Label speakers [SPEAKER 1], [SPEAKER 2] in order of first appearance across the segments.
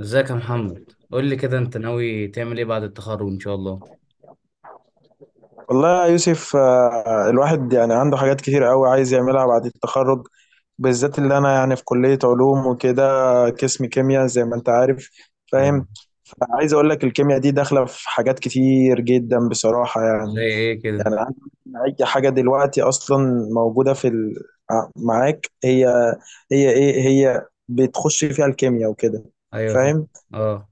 [SPEAKER 1] ازيك يا محمد؟ قول لي كده، انت ناوي تعمل ايه بعد التخرج ان شاء الله؟
[SPEAKER 2] والله يا يوسف آه، الواحد يعني عنده حاجات كتير قوي عايز يعملها بعد التخرج، بالذات اللي انا يعني في كلية علوم وكده، قسم كيمياء زي ما انت عارف.
[SPEAKER 1] ايوه.
[SPEAKER 2] فاهم؟ فعايز اقول لك الكيمياء دي داخلة في حاجات كتير جدا بصراحة
[SPEAKER 1] زي
[SPEAKER 2] يعني.
[SPEAKER 1] ايه
[SPEAKER 2] يعني
[SPEAKER 1] كده؟
[SPEAKER 2] عايز أقول لك إن اي حاجة دلوقتي اصلا موجودة في ال... معاك هي، هي ايه، هي بتخش فيها الكيمياء وكده.
[SPEAKER 1] ايوه، فاهم.
[SPEAKER 2] فاهم؟
[SPEAKER 1] اه.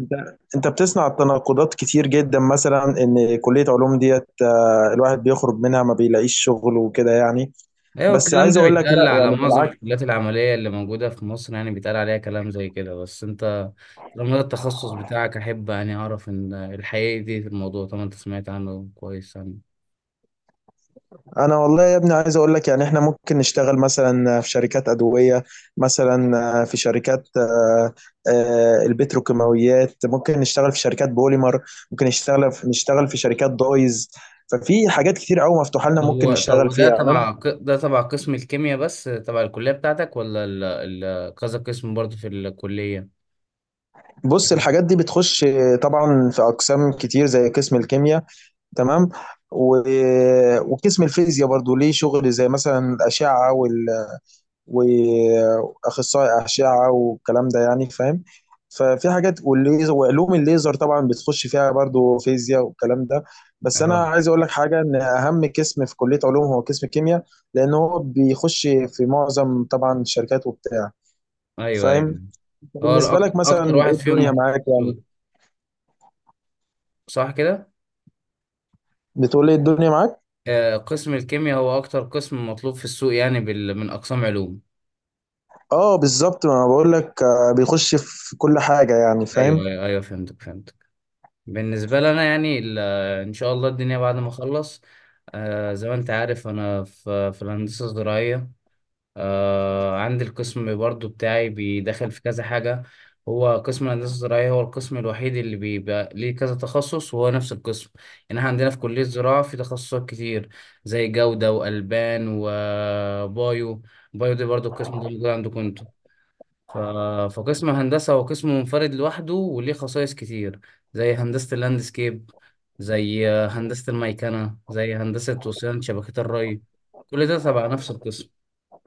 [SPEAKER 2] انت انت بتسمع التناقضات كتير جدا، مثلا ان كليه علوم ديت الواحد بيخرج منها ما بيلاقيش شغل وكده يعني.
[SPEAKER 1] ايوه،
[SPEAKER 2] بس
[SPEAKER 1] الكلام
[SPEAKER 2] عايز
[SPEAKER 1] ده
[SPEAKER 2] اقول لك
[SPEAKER 1] بيتقال
[SPEAKER 2] لا، يعني
[SPEAKER 1] على معظم
[SPEAKER 2] بالعكس.
[SPEAKER 1] الكليات العمليه اللي موجوده في مصر، يعني بيتقال عليها كلام زي كده، بس انت لما ده التخصص بتاعك احب يعني اعرف ان الحقيقه دي في الموضوع، طبعا انت سمعت عنه كويس يعني.
[SPEAKER 2] انا والله يا ابني عايز اقول لك يعني احنا ممكن نشتغل مثلا في شركات ادويه، مثلا في شركات، البتروكيماويات، ممكن نشتغل في شركات بوليمر، ممكن نشتغل في شركات دايز. ففي حاجات كتير قوي مفتوحه لنا
[SPEAKER 1] طب
[SPEAKER 2] ممكن
[SPEAKER 1] هو طب
[SPEAKER 2] نشتغل
[SPEAKER 1] هو
[SPEAKER 2] فيها
[SPEAKER 1] ده
[SPEAKER 2] يعني انا.
[SPEAKER 1] تبع ده تبع قسم الكيمياء، بس تبع الكليه بتاعتك؟ ولا كذا قسم برضه في الكليه؟
[SPEAKER 2] بص الحاجات دي بتخش، طبعا في اقسام كتير زي قسم الكيمياء، تمام، و... وقسم الفيزياء برضو ليه شغل، زي مثلا الأشعة، وال... وأخصائي أشعة والكلام ده يعني. فاهم؟ ففي حاجات والليزر وعلوم الليزر طبعا بتخش فيها برضو فيزياء والكلام ده. بس أنا
[SPEAKER 1] اه،
[SPEAKER 2] عايز أقول لك حاجة، إن أهم قسم في كلية علوم هو قسم الكيمياء، لأن هو بيخش في معظم طبعا الشركات وبتاع.
[SPEAKER 1] ايوه
[SPEAKER 2] فاهم؟
[SPEAKER 1] ايوه. هو
[SPEAKER 2] بالنسبة
[SPEAKER 1] اكتر
[SPEAKER 2] لك مثلا
[SPEAKER 1] اكتر واحد
[SPEAKER 2] إيه
[SPEAKER 1] فيهم
[SPEAKER 2] الدنيا
[SPEAKER 1] مطلوب
[SPEAKER 2] معاك
[SPEAKER 1] في
[SPEAKER 2] يعني؟
[SPEAKER 1] السوق، صح كده؟
[SPEAKER 2] بتقول إيه الدنيا معاك؟
[SPEAKER 1] قسم الكيمياء هو اكتر قسم مطلوب في السوق، يعني من اقسام علوم.
[SPEAKER 2] اه بالظبط، ما انا بقول لك بيخش في كل حاجه يعني. فاهم؟
[SPEAKER 1] ايوه ايوه أيوة، فهمتك فهمتك. بالنسبه لنا يعني ان شاء الله الدنيا بعد ما اخلص، زي ما انت عارف، انا في الهندسه الزراعيه. عندي القسم برضو بتاعي بيدخل في كذا حاجة. هو قسم الهندسة الزراعية هو القسم الوحيد اللي بيبقى ليه كذا تخصص وهو نفس القسم. يعني احنا عندنا في كلية الزراعة في تخصصات كتير، زي جودة وألبان وبايو. بايو دي برضو، القسم ده موجود عندكم انتوا؟ ف... فقسم هندسة هو قسم منفرد لوحده وليه خصائص كتير، زي هندسة اللاندسكيب، زي هندسة الميكنة، زي هندسة وصيانة شبكات الري. كل ده تبع نفس القسم،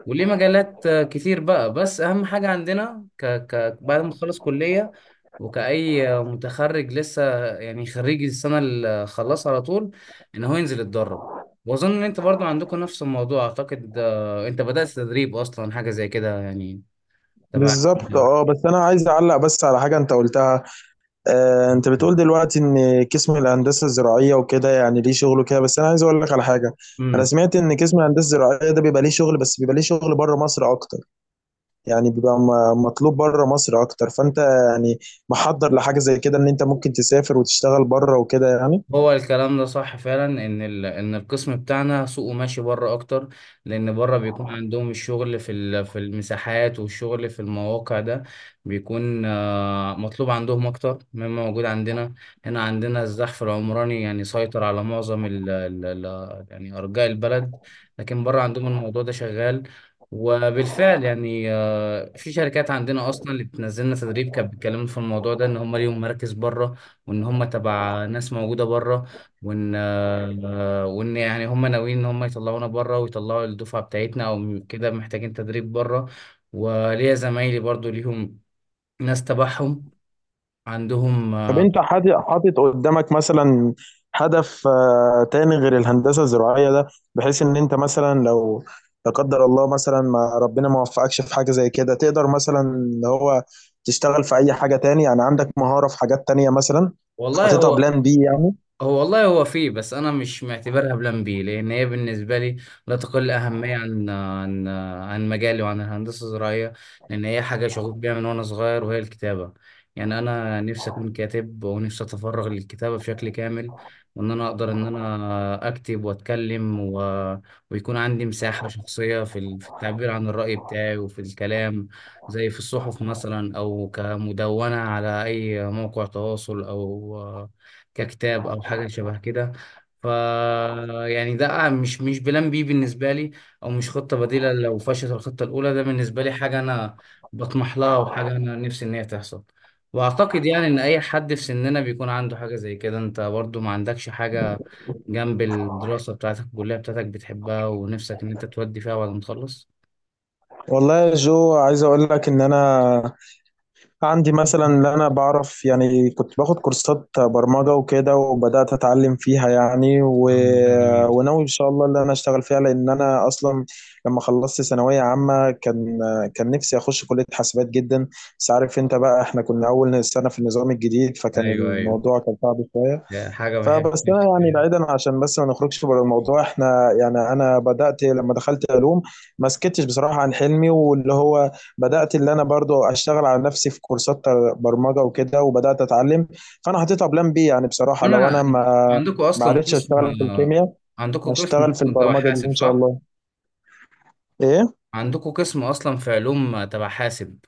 [SPEAKER 1] وليه مجالات كتير بقى. بس اهم حاجة عندنا، بعد ما تخلص كلية وكأي متخرج لسه، يعني خريج السنة اللي خلص، على طول ان هو ينزل يتدرب. واظن ان انت برضو عندكم نفس الموضوع، اعتقد انت بدأت تدريب اصلا، حاجة زي كده يعني، تبع.
[SPEAKER 2] بالظبط اه. بس انا عايز اعلق بس على حاجه انت قلتها. آه، انت بتقول دلوقتي ان قسم الهندسه الزراعيه وكده يعني ليه شغله كده، بس انا عايز اقول لك على حاجه. انا
[SPEAKER 1] امم.
[SPEAKER 2] سمعت ان قسم الهندسه الزراعيه ده بيبقى ليه شغل، بس بيبقى ليه شغل بره مصر اكتر. يعني بيبقى مطلوب بره مصر اكتر، فانت يعني محضر لحاجه زي كده ان انت ممكن تسافر وتشتغل بره وكده يعني.
[SPEAKER 1] هو الكلام ده صح فعلا، ان ان القسم بتاعنا سوقه ماشي بره اكتر. لان بره بيكون عندهم الشغل في المساحات، والشغل في المواقع ده بيكون مطلوب عندهم اكتر مما موجود عندنا. هنا عندنا الزحف العمراني يعني سيطر على معظم يعني ارجاء البلد، لكن بره عندهم الموضوع ده شغال. وبالفعل يعني في شركات عندنا اصلا اللي بتنزلنا تدريب كانت بتكلمنا في الموضوع ده، ان هم ليهم مراكز بره، وان هم تبع ناس موجوده بره، وان يعني هم ناويين ان هم يطلعونا بره، ويطلعوا الدفعه بتاعتنا او كده محتاجين تدريب بره. وليا زمايلي برضو ليهم ناس تبعهم عندهم.
[SPEAKER 2] طب انت حاطط قدامك مثلا هدف، تاني غير الهندسه الزراعيه ده، بحيث ان انت مثلا لو لا قدر الله، مثلا ما ربنا ما وفقكش في حاجه زي كده، تقدر مثلا اللي هو تشتغل في اي حاجه تاني يعني. عندك مهاره في حاجات تانيه مثلا؟
[SPEAKER 1] والله،
[SPEAKER 2] حاططها
[SPEAKER 1] هو.
[SPEAKER 2] بلان بي يعني؟
[SPEAKER 1] هو والله، هو فيه، بس انا مش معتبرها بلان بي، لان هي بالنسبه لي لا تقل اهميه عن مجالي وعن الهندسه الزراعيه. لان هي حاجه شغوف بيها من وانا صغير، وهي الكتابه. يعني انا نفسي اكون كاتب، ونفسي اتفرغ للكتابه بشكل كامل، وان انا اقدر ان انا اكتب واتكلم ويكون عندي مساحه شخصيه في التعبير عن الراي بتاعي وفي الكلام، زي في الصحف مثلا، او كمدونه على اي موقع تواصل، او ككتاب، او حاجه شبه كده. ف يعني ده مش بلان بي بالنسبه لي، او مش خطه بديله لو فشلت الخطه الاولى. ده بالنسبه لي حاجه انا بطمح لها، وحاجه انا نفسي ان هي تحصل. واعتقد يعني ان اي حد في سننا بيكون عنده حاجه زي كده. انت برضو ما عندكش حاجه جنب الدراسه بتاعتك، الكليه بتاعتك بتحبها ونفسك ان انت تودي فيها بعد ما تخلص؟
[SPEAKER 2] والله يا جو عايز اقول لك ان انا عندي مثلا اللي انا بعرف يعني، كنت باخد كورسات برمجة وكده وبدأت اتعلم فيها يعني، و...
[SPEAKER 1] آه، ده جميل.
[SPEAKER 2] وناوي ان شاء الله اللي انا اشتغل فيها، لان انا اصلا لما خلصت ثانوية عامة كان نفسي اخش كلية حاسبات جدا، بس عارف انت بقى احنا كنا اول سنة في النظام الجديد، فكان
[SPEAKER 1] ايوه ايوه،
[SPEAKER 2] الموضوع كان صعب شوية.
[SPEAKER 1] ده حاجه بحب.
[SPEAKER 2] فبس انا يعني بعيدا عشان بس ما نخرجش بره الموضوع، احنا يعني انا بدات لما دخلت علوم، ما سكتش بصراحه عن حلمي، واللي هو بدات اللي انا برضو اشتغل على نفسي في كورسات برمجه وكده وبدات اتعلم. فانا حطيتها بلان بي يعني بصراحه، لو
[SPEAKER 1] انا
[SPEAKER 2] انا ما
[SPEAKER 1] عندكم
[SPEAKER 2] ما
[SPEAKER 1] اصلا
[SPEAKER 2] عرفتش
[SPEAKER 1] قسم،
[SPEAKER 2] اشتغل في الكيمياء
[SPEAKER 1] عندكم قسم
[SPEAKER 2] هشتغل في
[SPEAKER 1] اصلا تبع
[SPEAKER 2] البرمجه دي
[SPEAKER 1] حاسب،
[SPEAKER 2] ان شاء
[SPEAKER 1] صح؟
[SPEAKER 2] الله. ايه؟
[SPEAKER 1] عندكم قسم اصلا في علوم تبع حاسب.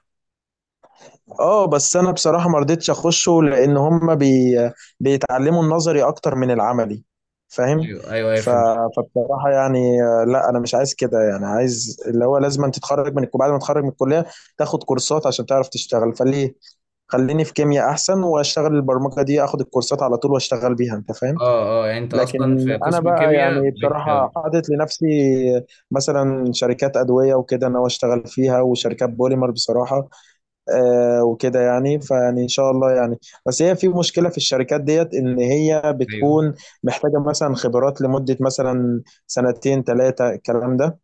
[SPEAKER 2] اه بس انا بصراحه ما رضيتش اخشه، لان هم بيتعلموا النظري اكتر من العملي. فاهم؟
[SPEAKER 1] ايوه ايوه ايوه،
[SPEAKER 2] ف...
[SPEAKER 1] فهمت.
[SPEAKER 2] فبصراحه يعني، لا انا مش عايز كده يعني. عايز اللي هو لازم أن تتخرج من بعد ما تتخرج من الكليه تاخد كورسات عشان تعرف تشتغل، فليه؟ خليني في كيمياء احسن واشتغل البرمجه دي، اخد الكورسات على طول واشتغل بيها. انت فاهم؟
[SPEAKER 1] اه اه، يعني انت اصلا
[SPEAKER 2] لكن
[SPEAKER 1] في
[SPEAKER 2] انا
[SPEAKER 1] قسم
[SPEAKER 2] بقى
[SPEAKER 1] كيمياء
[SPEAKER 2] يعني بصراحه حاطط لنفسي مثلا شركات ادويه وكده انا اشتغل فيها، وشركات بوليمر بصراحه، وكده يعني، فيعني ان شاء الله يعني. بس هي في مشكله في الشركات ديت، ان هي
[SPEAKER 1] ايوه
[SPEAKER 2] بتكون محتاجه مثلا خبرات لمده مثلا 2 3 الكلام ده،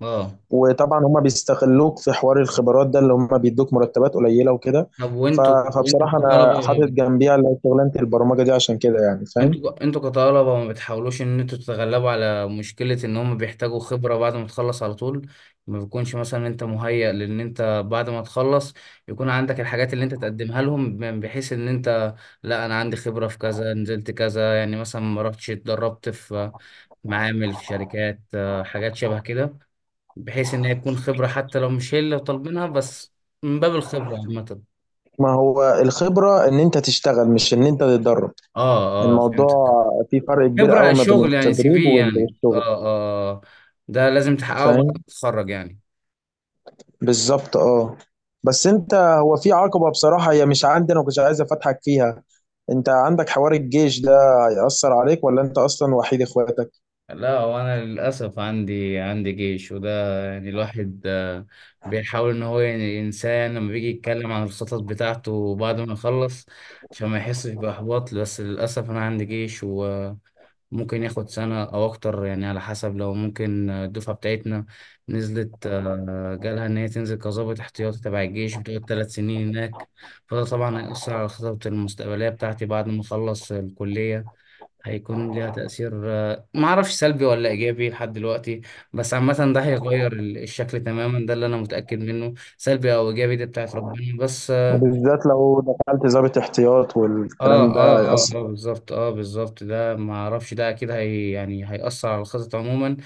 [SPEAKER 1] اه.
[SPEAKER 2] وطبعا هم بيستغلوك في حوار الخبرات ده، اللي هم بيدوك مرتبات قليله وكده.
[SPEAKER 1] طب،
[SPEAKER 2] ف-
[SPEAKER 1] وانتوا، انتوا
[SPEAKER 2] فبصراحه انا حاطط
[SPEAKER 1] كطلبه،
[SPEAKER 2] جنبيها اللي هي شغلانه البرمجه دي عشان كده يعني. فاهم؟
[SPEAKER 1] انتوا كطلبة، ما بتحاولوش ان انتوا تتغلبوا على مشكلة ان هم بيحتاجوا خبرة بعد ما تخلص على طول؟ ما بيكونش مثلا انت مهيأ، لان انت بعد ما تخلص يكون عندك الحاجات اللي انت تقدمها لهم، بحيث ان انت، لا، انا عندي خبرة في كذا، نزلت كذا، يعني مثلا ما رحتش اتدربت في معامل، في شركات حاجات شبه كده، بحيث ان هي تكون خبرة، حتى لو مش هي اللي طالبينها، بس من باب الخبرة عامة.
[SPEAKER 2] ما هو الخبره ان انت تشتغل مش ان انت تتدرب.
[SPEAKER 1] اه اه، فهمت.
[SPEAKER 2] الموضوع فيه فرق كبير
[SPEAKER 1] خبرة
[SPEAKER 2] قوي ما بين
[SPEAKER 1] شغل يعني، سي
[SPEAKER 2] التدريب
[SPEAKER 1] في يعني
[SPEAKER 2] والشغل.
[SPEAKER 1] اه. اه، ده لازم تحققه بعد ما
[SPEAKER 2] فاهم؟
[SPEAKER 1] تتخرج يعني.
[SPEAKER 2] بالظبط اه. بس انت هو في عقبة بصراحة هي مش عندي، انا كنت عايز افتحك فيها. انت عندك حوار الجيش ده هيأثر عليك؟ ولا انت اصلا وحيد اخواتك؟
[SPEAKER 1] لا، وانا للاسف عندي جيش وده، يعني الواحد بيحاول ان هو يعني ينساه، يعني لما بيجي يتكلم عن الخطط بتاعته بعد ما يخلص، عشان ما يحسش باحباط. بس للاسف انا عندي جيش، ممكن ياخد سنة أو أكتر، يعني على حسب. لو ممكن الدفعة بتاعتنا نزلت، جالها إن هي تنزل كظابط احتياطي تبع الجيش، بتقعد 3 سنين هناك، فده طبعا هيأثر على خطط المستقبلية بتاعتي بعد ما أخلص الكلية. هيكون ليها تأثير، معرفش سلبي ولا إيجابي لحد دلوقتي. بس عامة، ده هيغير الشكل تماما، ده اللي أنا متأكد منه. سلبي أو إيجابي دي بتاعت ربنا، بس.
[SPEAKER 2] وبالذات لو دخلت ضابط احتياط
[SPEAKER 1] اه
[SPEAKER 2] والكلام ده
[SPEAKER 1] اه اه
[SPEAKER 2] هيأثر.
[SPEAKER 1] اه، بالظبط. اه، بالظبط، ده ما اعرفش، ده اكيد هي يعني هيأثر على الخطط عموما،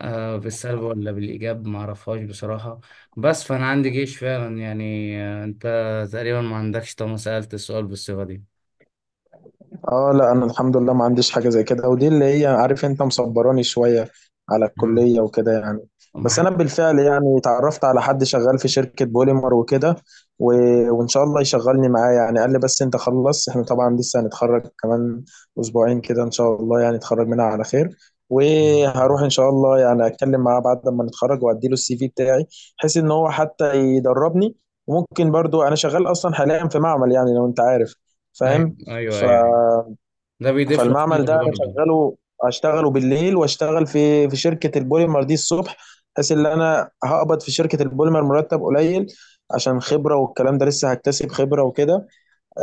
[SPEAKER 1] بالسلب ولا بالإيجاب ما اعرفهاش بصراحة. بس فأنا عندي جيش فعلا يعني، انت تقريبا ما عندكش، طالما سألت السؤال بالصيغة دي.
[SPEAKER 2] اه لا، انا الحمد لله ما عنديش حاجه زي كده، ودي اللي هي عارف انت مصبراني شويه على
[SPEAKER 1] آه.
[SPEAKER 2] الكليه وكده يعني.
[SPEAKER 1] ما
[SPEAKER 2] بس انا
[SPEAKER 1] حد-
[SPEAKER 2] بالفعل يعني اتعرفت على حد شغال في شركه بوليمر وكده، و... وان شاء الله يشغلني معاه يعني. قال لي بس انت خلص، احنا طبعا لسه هنتخرج كمان 2 كده، ان شاء الله يعني نتخرج منها على خير، وهروح ان شاء الله يعني اتكلم معاه بعد ما نتخرج وادي له السي في بتاعي، بحيث ان هو حتى يدربني. وممكن برضو انا شغال اصلا حاليا في معمل يعني لو انت عارف. فاهم؟
[SPEAKER 1] ايوه ايوه ايوه
[SPEAKER 2] ف
[SPEAKER 1] أيوة. ده بيضيف لك
[SPEAKER 2] فالمعمل ده
[SPEAKER 1] خبرة
[SPEAKER 2] انا
[SPEAKER 1] برضه.
[SPEAKER 2] شغاله، اشتغله بالليل واشتغل في شركه البوليمر دي الصبح، بحيث ان انا هقبض في شركه البوليمر مرتب قليل عشان خبره والكلام ده، لسه هكتسب خبره وكده.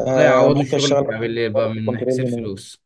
[SPEAKER 1] وده
[SPEAKER 2] آه
[SPEAKER 1] يعوض
[SPEAKER 2] ممكن
[SPEAKER 1] الشغل
[SPEAKER 2] اشتغل مثلا
[SPEAKER 1] بتاع بالليل بقى
[SPEAKER 2] كواليتي
[SPEAKER 1] من
[SPEAKER 2] كنترول
[SPEAKER 1] حيث
[SPEAKER 2] هنا
[SPEAKER 1] الفلوس،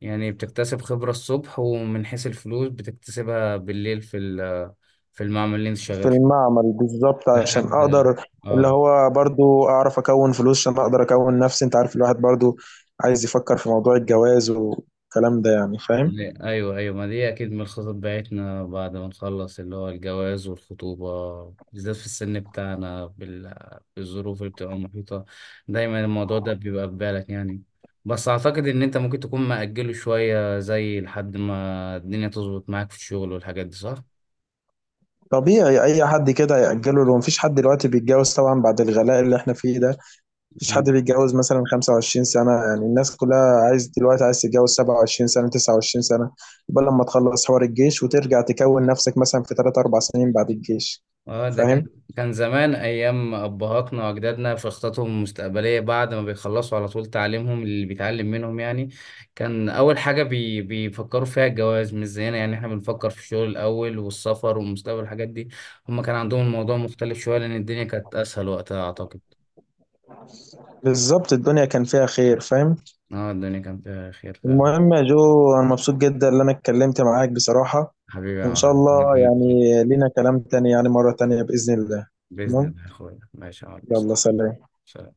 [SPEAKER 1] يعني بتكتسب خبرة الصبح ومن حيث الفلوس بتكتسبها بالليل في المعمل اللي انت
[SPEAKER 2] في
[SPEAKER 1] شغال
[SPEAKER 2] المعمل، بالظبط، عشان
[SPEAKER 1] لحد.
[SPEAKER 2] اقدر اللي
[SPEAKER 1] اه.
[SPEAKER 2] هو برضو اعرف اكون فلوس، عشان اقدر اكون نفسي. انت عارف الواحد برضو عايز يفكر في موضوع الجواز والكلام ده يعني. فاهم؟
[SPEAKER 1] لا، ايوه ايوه، ما دي اكيد من الخطط بتاعتنا بعد ما نخلص، اللي هو الجواز والخطوبه، بالذات في السن بتاعنا بالظروف اللي بتبقى محيطه، دايما الموضوع ده بيبقى في بالك يعني. بس اعتقد ان انت ممكن تكون مأجله شويه، زي لحد ما الدنيا تظبط معاك في الشغل والحاجات دي، صح؟
[SPEAKER 2] طبيعي اي حد كده يأجله، لو مفيش حد دلوقتي بيتجوز طبعا بعد الغلاء اللي احنا فيه ده. مفيش حد بيتجوز مثلا 25 سنة، يعني الناس كلها عايز دلوقتي عايز تتجوز 27 سنة، 29 سنة. يبقى لما تخلص حوار الجيش وترجع تكون نفسك مثلا في 3 4 سنين بعد الجيش.
[SPEAKER 1] اه، ده كان.
[SPEAKER 2] فاهم؟
[SPEAKER 1] كان زمان ايام ابهاتنا واجدادنا في خططهم المستقبليه، بعد ما بيخلصوا على طول تعليمهم، اللي بيتعلم منهم يعني، كان اول حاجه بيفكروا فيها الجواز. مش زينا، يعني احنا بنفكر في الشغل الاول والسفر والمستقبل، الحاجات دي. هم كان عندهم الموضوع مختلف شويه، لان الدنيا كانت اسهل وقتها اعتقد.
[SPEAKER 2] بالظبط، الدنيا كان فيها خير. فاهم؟
[SPEAKER 1] اه، الدنيا كان فيها خير فعلا.
[SPEAKER 2] المهم يا جو انا مبسوط جدا ان انا اتكلمت معاك بصراحة.
[SPEAKER 1] حبيبي يا
[SPEAKER 2] ان شاء
[SPEAKER 1] معلم، أنا
[SPEAKER 2] الله
[SPEAKER 1] كمان مبسوط.
[SPEAKER 2] يعني لينا كلام تاني يعني مرة تانية بإذن الله.
[SPEAKER 1] باذن
[SPEAKER 2] تمام،
[SPEAKER 1] الله يا اخويا، ماشي يا معلم.
[SPEAKER 2] يلا سلام.
[SPEAKER 1] سلام.